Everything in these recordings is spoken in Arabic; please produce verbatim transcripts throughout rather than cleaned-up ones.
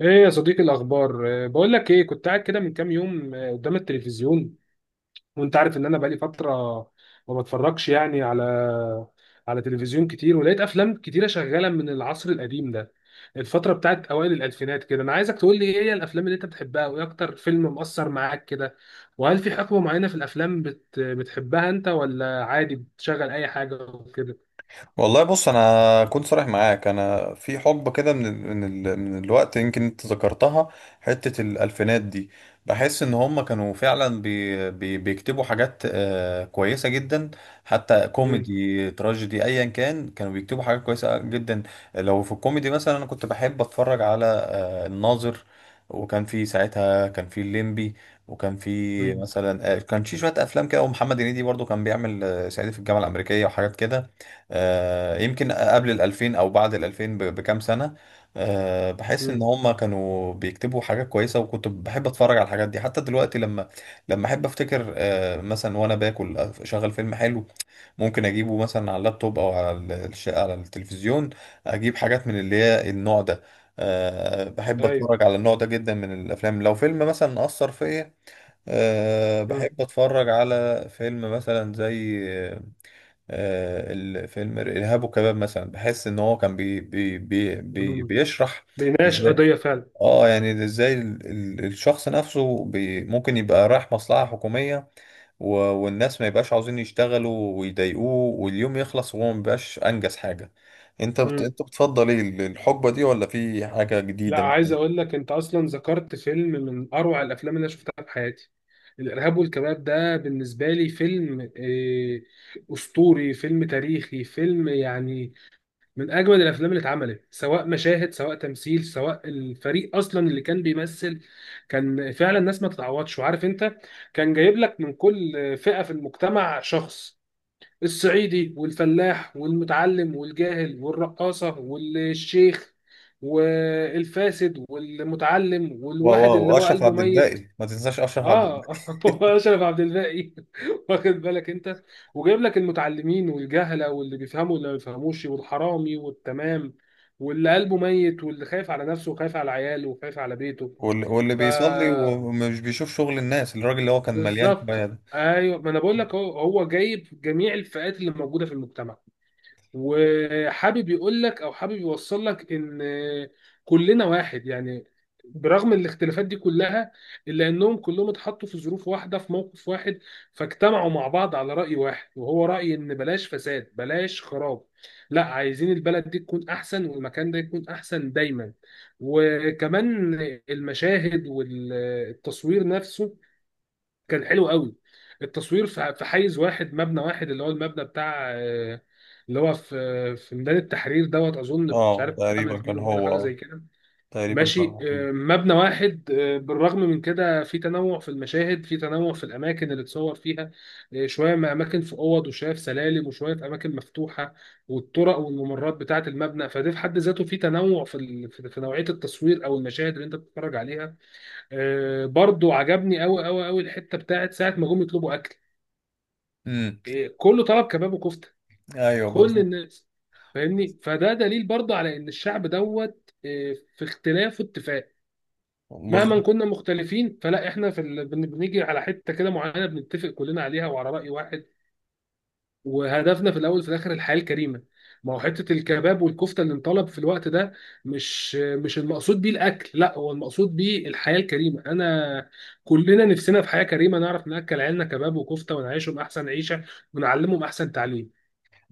ايه يا صديقي، الاخبار؟ آه، بقول لك ايه، كنت قاعد كده من كام يوم آه، قدام التلفزيون. وانت عارف ان انا بقالي فتره ما بتفرجش يعني على على تلفزيون كتير. ولقيت افلام كتيره شغاله من العصر القديم ده، الفتره بتاعت اوائل الالفينات كده. انا عايزك تقول لي ايه هي الافلام اللي انت بتحبها، وايه اكتر فيلم مؤثر معاك كده، وهل في حقبه معينه في الافلام بت... بتحبها انت ولا عادي بتشغل اي حاجه وكده؟ والله، بص، انا كنت صريح معاك. انا في حقبه كده من ال من ال من الوقت، يمكن انت ذكرتها. حته الالفينات دي، بحس ان هم كانوا فعلا بي بي بيكتبوا حاجات آه، كويسه جدا. حتى امم. كوميدي تراجيدي ايا كان، كانوا بيكتبوا حاجات كويسه جدا. لو في الكوميدي مثلا، انا كنت بحب اتفرج على الناظر، وكان في ساعتها كان في الليمبي، وكان في امم. مثلا آه، كان في شويه افلام كده، ومحمد هنيدي برضو كان بيعمل آه، صعيدي في الجامعه الامريكيه وحاجات كده. آه، يمكن قبل ال ألفين او بعد ال ألفين ب- بكام سنه. آه، بحس ان امم. هم كانوا بيكتبوا حاجات كويسه، وكنت بحب اتفرج على الحاجات دي حتى دلوقتي. لما لما احب افتكر آه، مثلا وانا باكل اشغل فيلم حلو. ممكن اجيبه مثلا على اللابتوب او على ال- الش- على التلفزيون، اجيب حاجات من اللي هي النوع ده. أه، بحب ايوه. اتفرج على النوع ده جدا من الافلام. لو فيلم مثلا اثر فيا، أه، امم. بحب اتفرج على فيلم مثلا زي أه الفيلم الارهاب والكباب مثلا. بحس ان هو كان بي بي بي بي امم. بيشرح بيناقش ازاي. قضيه فعلا. اه يعني ازاي ال- ال- الشخص نفسه بي ممكن يبقى رايح مصلحة حكومية، و... والناس ما يبقاش عاوزين يشتغلوا ويضايقوه، واليوم يخلص وهو ما بيبقاش انجز حاجه. انت بت... انت بتفضل ايه ال- الحقبه دي، ولا في حاجه لا، جديده عايز مثلا؟ اقول لك، انت اصلا ذكرت فيلم من اروع الافلام اللي انا شفتها في حياتي. الارهاب والكباب ده بالنسبه لي فيلم إيه، اسطوري، فيلم تاريخي، فيلم يعني من اجمل الافلام اللي اتعملت، سواء مشاهد سواء تمثيل سواء الفريق اصلا اللي كان بيمثل. كان فعلا ناس ما تتعوضش، وعارف انت، كان جايب لك من كل فئه في المجتمع شخص: الصعيدي والفلاح والمتعلم والجاهل والرقاصة والشيخ والفاسد والمتعلم واو، والواحد واو، اللي هو واشرف قلبه عبد ميت. الباقي، ما تنساش اشرف عبد الباقي. اه. هو اشرف عبد الباقي. واخد بالك انت؟ وجايب لك المتعلمين والجهله، واللي بيفهموا واللي ما بيفهموش، والحرامي والتمام، واللي قلبه ميت، واللي خايف على نفسه وخايف على عياله وخايف على بيته. واللي, واللي ف بيصلي ومش بيشوف شغل الناس، الراجل اللي هو كان مليان كبايه بالظبط ده. ايوه، ما انا بقول لك، هو هو جايب جميع الفئات اللي موجوده في المجتمع، وحابب يقول لك او حابب يوصل لك ان كلنا واحد يعني. برغم الاختلافات دي كلها، الا انهم كلهم اتحطوا في ظروف واحده، في موقف واحد، فاجتمعوا مع بعض على راي واحد، وهو راي ان بلاش فساد بلاش خراب، لا، عايزين البلد دي تكون احسن، والمكان ده يكون احسن دايما. وكمان المشاهد والتصوير نفسه كان حلو قوي. التصوير في في حيز واحد، مبنى واحد، اللي هو المبنى بتاع آه، اللي هو في في ميدان التحرير دوت، اظن مش اه، عارف عمل تقريبا بيه كان ولا هو. حاجه زي اه، كده. تقريبا كان ماشي، هو. آه، مبنى واحد، آه، بالرغم من كده في تنوع في المشاهد، في تنوع في الاماكن اللي اتصور فيها. آه، شويه ما اماكن في اوض، وشويه في سلالم، وشويه في اماكن مفتوحه، والطرق والممرات بتاعه المبنى. فده في حد ذاته في تنوع في ال- في في نوعيه التصوير او المشاهد اللي انت بتتفرج عليها. آه، برضو عجبني قوي قوي قوي الحته بتاعت ساعه ما جم يطلبوا اكل. امم. آه، كله طلب كباب وكفته، ايوه، كل بالظبط. الناس، فاهمني. فده دليل برضو على ان الشعب دوت آه، في اختلاف واتفاق. مهما بالظبط. كنا مختلفين فلا احنا في ال... بن- بنيجي على حته كده معينه بنتفق كلنا عليها وعلى راي واحد، وهدفنا في الاول وفي الاخر الحياه الكريمه. ما هو حته الكباب والكفته اللي انطلب في الوقت ده مش مش المقصود بيه الاكل، لا، هو المقصود بيه الحياه الكريمه. انا كلنا نفسنا في حياه كريمه، نعرف ناكل عيالنا كباب وكفته ونعيشهم احسن عيشه ونعلمهم احسن تعليم.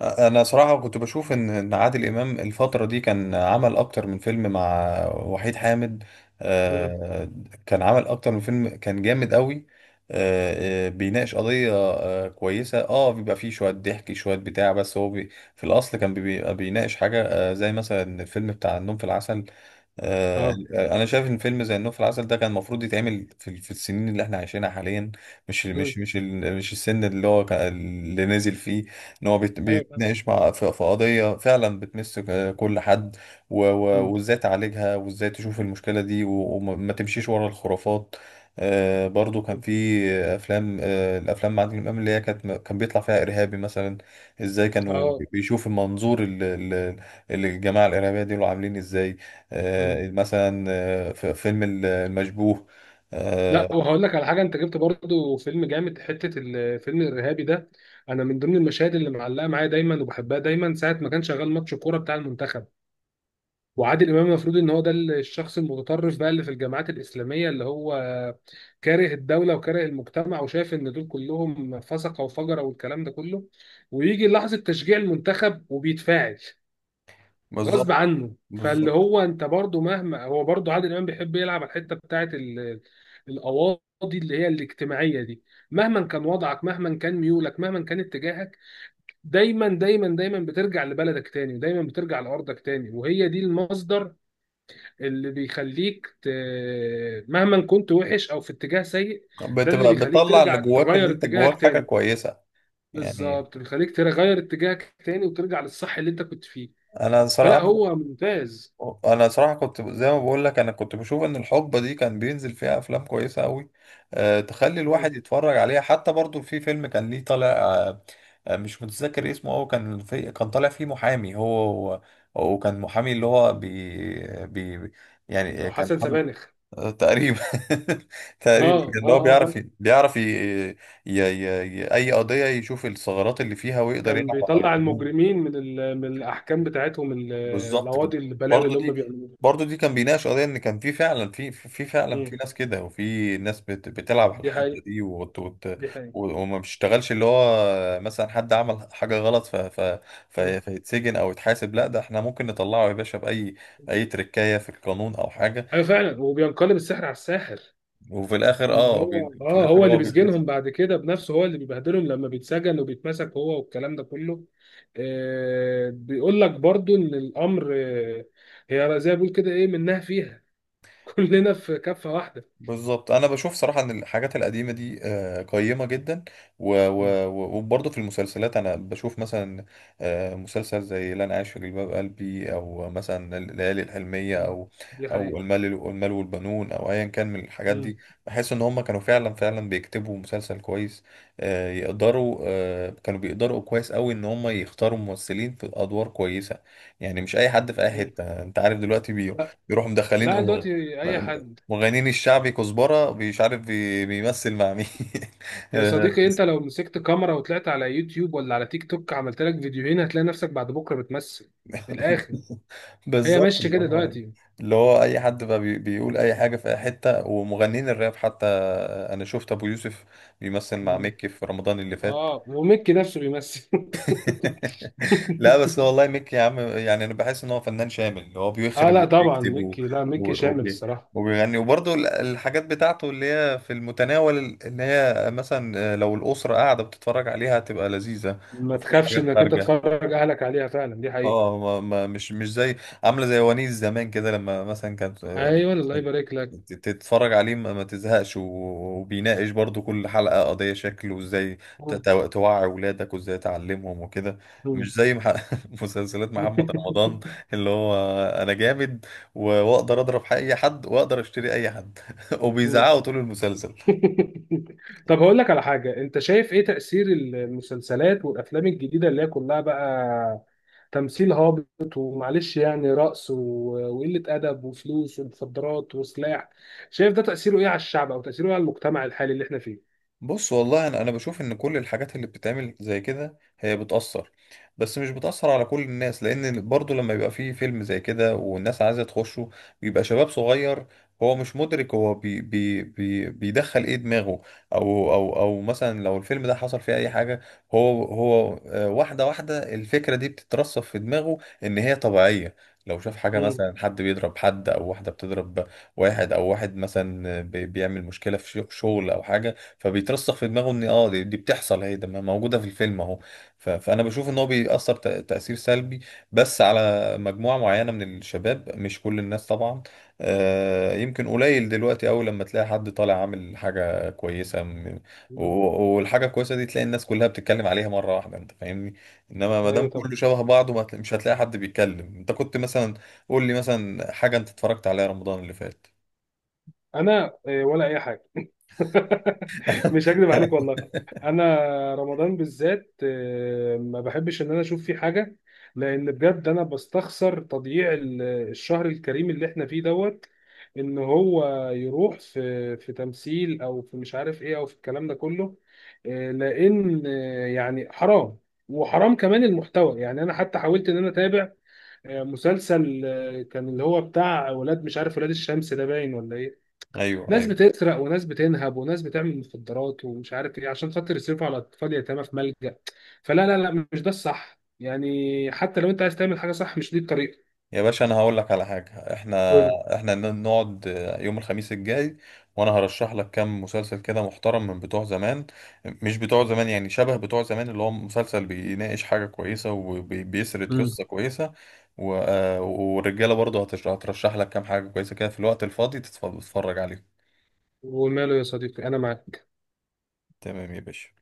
انا صراحه كنت بشوف ان إن عادل امام الفتره دي كان عمل اكتر من فيلم مع وحيد حامد. امم. آه، كان عمل اكتر من فيلم، كان جامد قوي. آه، آه، بيناقش قضيه آه، كويسه، اه بيبقى فيه شويه ضحك شويه بتاع، بس هو بي في الاصل كان بيبقى بيناقش حاجه آه، زي مثلا الفيلم بتاع النوم في العسل. آه، اه. انا شايف ان فيلم زي النوم في العسل ده كان المفروض يتعمل في في السنين اللي احنا عايشينها حاليا، مش امم. مش مش ال- مش السن اللي هو كان- اللي نازل فيه. ان هو بيت- ايوه، فاهم. بيتناقش مع في في قضيه فعلا بتمس ك- كل حد، و- و- مم. وازاي تعالجها، وازاي تشوف المشكله دي، و- وما ما تمشيش ورا الخرافات. آه، برضو كان مم. في افلام، آه، الافلام مع عادل امام اللي هي كانت كان بيطلع فيها ارهابي مثلا. ازاي كانوا اه. بيشوف المنظور، ال- ال- الجماعه الارهابيه دول عاملين ازاي؟ مم. آه، مثلا آه، في فيلم ال- المشبوه. آه، لا، وهقول لك على حاجه، انت جبت برضو فيلم جامد، حته الفيلم الارهابي ده. انا من ضمن المشاهد اللي معلقه معايا دايما وبحبها دايما ساعه ما كان شغال ماتش كوره بتاع المنتخب، وعادل امام المفروض ان هو ده الشخص المتطرف بقى اللي في الجامعات الاسلاميه، اللي هو كاره الدوله وكاره المجتمع وشايف ان دول كلهم فسقه وفجره والكلام ده كله، ويجي لحظه تشجيع المنتخب وبيتفاعل غصب بالظبط. عنه. فاللي بالظبط، هو انت برضو مهما هو برضو عادل امام بيحب يلعب على الحته بتاعت ال- القواضي اللي هي الاجتماعيه دي. مهما كان وضعك، مهما كان ميولك، مهما كان اتجاهك، دايما دايما دايما بترجع لبلدك تاني، ودايما بترجع لارضك تاني، وهي دي المصدر اللي بيخليك ت... مهما كنت وحش او في اتجاه سيء، ده اللي بتبقى بيخليك بتطلع اللي ترجع جواك، ان تغير انت جواك اتجاهك حاجه تاني. كويسه يعني. بالظبط، بيخليك تغير اتجاهك تاني وترجع للصح اللي انت كنت فيه. انا فلا، صراحه، هو ممتاز. انا صراحه كنت زي ما بقول لك. انا كنت بشوف ان الحقبه دي كان بينزل فيها افلام كويسه قوي، أه، تخلي مم. الواحد يتفرج عليها. حتى برضو في فيلم كان ليه طالع، أه آه، مش متذكر اسمه، هو كان في كان طالع فيه محامي. هو هو- وكان محامي اللي هو بي بي يعني لو كان حسن محامي، سبانخ. آه، تقريبا تقريبا اه ان هو اه اه، بيعرف فاهم. ي- بيعرف ي... ي... ي... ي... اي قضيه يشوف الثغرات اللي فيها ويقدر كان يلعب على بيطلع القانون. المجرمين من ال... من الاحكام بتاعتهم، ال- بالظبط كده. القواضي، البلاوي برضه اللي هم دي بيعملوها. برضه دي كان بيناقش قضيه ان كان في فعلا، في في فعلا مم. في ناس كده، وفي ناس بت... بتلعب على دي الحته حقيقة. دي وت... وت... دي حقيقة. و- وما بيشتغلش. اللي هو مثلا حد عمل حاجه غلط ف... ف... ف... مم. فيتسجن او يتحاسب؟ لا، ده احنا ممكن نطلعه يا باشا، باي اي تركايه في القانون او حاجه. ايوه، فعلا، وبينقلب السحر على الساحر. وفي الاخر اه بي... هو في اه هو الاخر اللي هو بيتمسك. بيسجنهم بعد كده بنفسه، هو اللي بيبهدلهم لما بيتسجن وبيتمسك هو والكلام ده كله. آه بيقول لك برضو ان الامر آه هي زي ما بيقول كده، ايه منها فيها. كلنا في كفة واحدة. بالظبط. انا بشوف صراحه ان الحاجات القديمه دي آه، قيمه جدا. و- مم. و- و- وبرضه في المسلسلات انا بشوف مثلا آه، مسلسل زي لن اعيش في جلباب قلبي، او مثلا الليالي الحلميه، مم. او دي او حقيقة. المال المال والبنون، او ايا كان من الحاجات مم. دي. بحس ان هم كانوا فعلا فعلا بيكتبوا مسلسل كويس. آه، يقدروا آه، كانوا بيقدروا كويس قوي ان هم يختاروا ممثلين في ادوار كويسه. يعني مش اي حد في اي مم. حته، انت عارف دلوقتي، بي- لا. بيروحوا مدخلين لا، دلوقتي اي حد. مغنين الشعبي كزبرة، مش عارف، بي- بيمثل مع مين يا آه، صديقي، انت لو مسكت كاميرا وطلعت على يوتيوب ولا على تيك توك عملت لك فيديوهين هتلاقي نفسك بعد بكرة بتمثل. من الاخر، هي بالظبط، ماشية اللي كده هو، دلوقتي. اللي هو اي حد بقى بي- بيقول اي حاجة في اي حتة. ومغنين الراب حتى، آه، انا شفت ابو يوسف بيمثل مع مكي في رمضان اللي فات اه، وميكي نفسه بيمثل. لا، بس هو والله ميك يا عم، يعني انا بحس ان هو فنان شامل. هو اه، بيخرج لا، طبعا وبيكتب و- ميكي، لا، ميكي و- شامل وبي- الصراحه. وبيغني، وبرضه ال- الحاجات بتاعته اللي هي في المتناول، اللي هي مثلا آه، لو الأسرة قاعدة بتتفرج عليها هتبقى لذيذة، ما ما فيهاش تخافش حاجات انك انت خارجة. تفرج اهلك عليها، فعلا، دي حقيقه. اه، ما ما مش مش زي عامله زي ونيس زمان كده. لما مثلا كانت آه، ايوه، الله يبارك لك. ت- تتفرج عليه ما ما تزهقش، و- وبيناقش برضو كل حلقه قضيه شكل، وازاي ت- مم. تو- توعي ولادك وازاي تعلمهم وكده. مم. مش زي مح... مسلسلات محمد رمضان اللي هو انا جامد، و- واقدر اضرب اي حد واقدر اشتري اي حد مم. وبيزعقوا طول المسلسل. طب هقول لك على حاجه، انت شايف ايه تاثير المسلسلات والافلام الجديده اللي هي كلها بقى تمثيل هابط، ومعلش يعني رقص، و- وقله ادب وفلوس ومخدرات وسلاح؟ شايف ده تاثيره ايه على الشعب، او تاثيره ايه على المجتمع الحالي اللي احنا فيه؟ بص، والله انا انا بشوف ان كل الحاجات اللي بتتعمل زي كده هي بتأثر، بس مش بتأثر على كل الناس، لان برضو لما يبقى فيه فيلم زي كده والناس عايزة تخشه بيبقى شباب صغير، هو مش مدرك، هو بي بي بي بيدخل ايه دماغه. او او او مثلا لو الفيلم ده حصل فيه اي حاجة، هو هو آه، واحدة واحدة الفكرة دي بتترسخ في دماغه ان هي طبيعية. لو شاف حاجة مم. مثلا، حد بيضرب حد، او واحدة بتضرب واحد، او واحد مثلا بي- بيعمل مشكلة في شغل او حاجة، فبيترسخ في دماغه ان اه دي, دي بتحصل، اهي ده موجوده في الفيلم اهو. ف- فانا بشوف ان هو بيأثر تأ- تأثير سلبي، بس على مجموعه معينه من الشباب، مش كل الناس طبعا. آه، يمكن قليل دلوقتي قوي لما تلاقي حد طالع عامل حاجه كويسه م- مم. و- والحاجه الكويسه دي تلاقي الناس كلها بتتكلم عليها مره واحده، انت فاهمني؟ انما ما دام ايوه. طب كله شبه بعضه، ما هتلا- مش هتلاقي حد بيتكلم. انت كنت مثلا، قول لي مثلا حاجه انت اتفرجت عليها رمضان اللي فات انا آه، ولا اي حاجه. مش هكذب عليك والله، انا رمضان بالذات آه، ما بحبش ان انا اشوف فيه حاجه، لان بجد انا بستخسر تضييع ال- الشهر الكريم اللي احنا فيه دوت ان هو يروح في في تمثيل او في مش عارف ايه او في الكلام ده كله. آه، لان آه، يعني حرام، وحرام كمان المحتوى. يعني انا حتى حاولت ان انا اتابع آه، مسلسل آه، كان اللي هو بتاع ولاد، مش عارف، ولاد الشمس ده باين ولا ايه. ايوه، ناس ايوه، بتسرق وناس بتنهب وناس بتعمل مخدرات ومش عارف ايه عشان خاطر يصرفوا على اطفال يتامى في ملجأ. فلا لا لا، مش ده الصح يعني، حتى لو انت عايز تعمل حاجة صح مش دي الطريقة. يا باشا، انا هقول لك على حاجه. احنا، قول. احنا ن- نقعد يوم الخميس الجاي، وانا هرشح لك كام مسلسل كده محترم من بتوع زمان، مش بتوع زمان يعني، شبه بتوع زمان، اللي هو مسلسل بيناقش حاجه كويسه وبيسرد مم. قصه كويسه. و... آه، والرجاله برضه هتش- هترشح لك كام حاجه كويسه كده في الوقت الفاضي تتف- تتفرج عليهم. وماله يا صديقي، انا معاك. تمام يا باشا.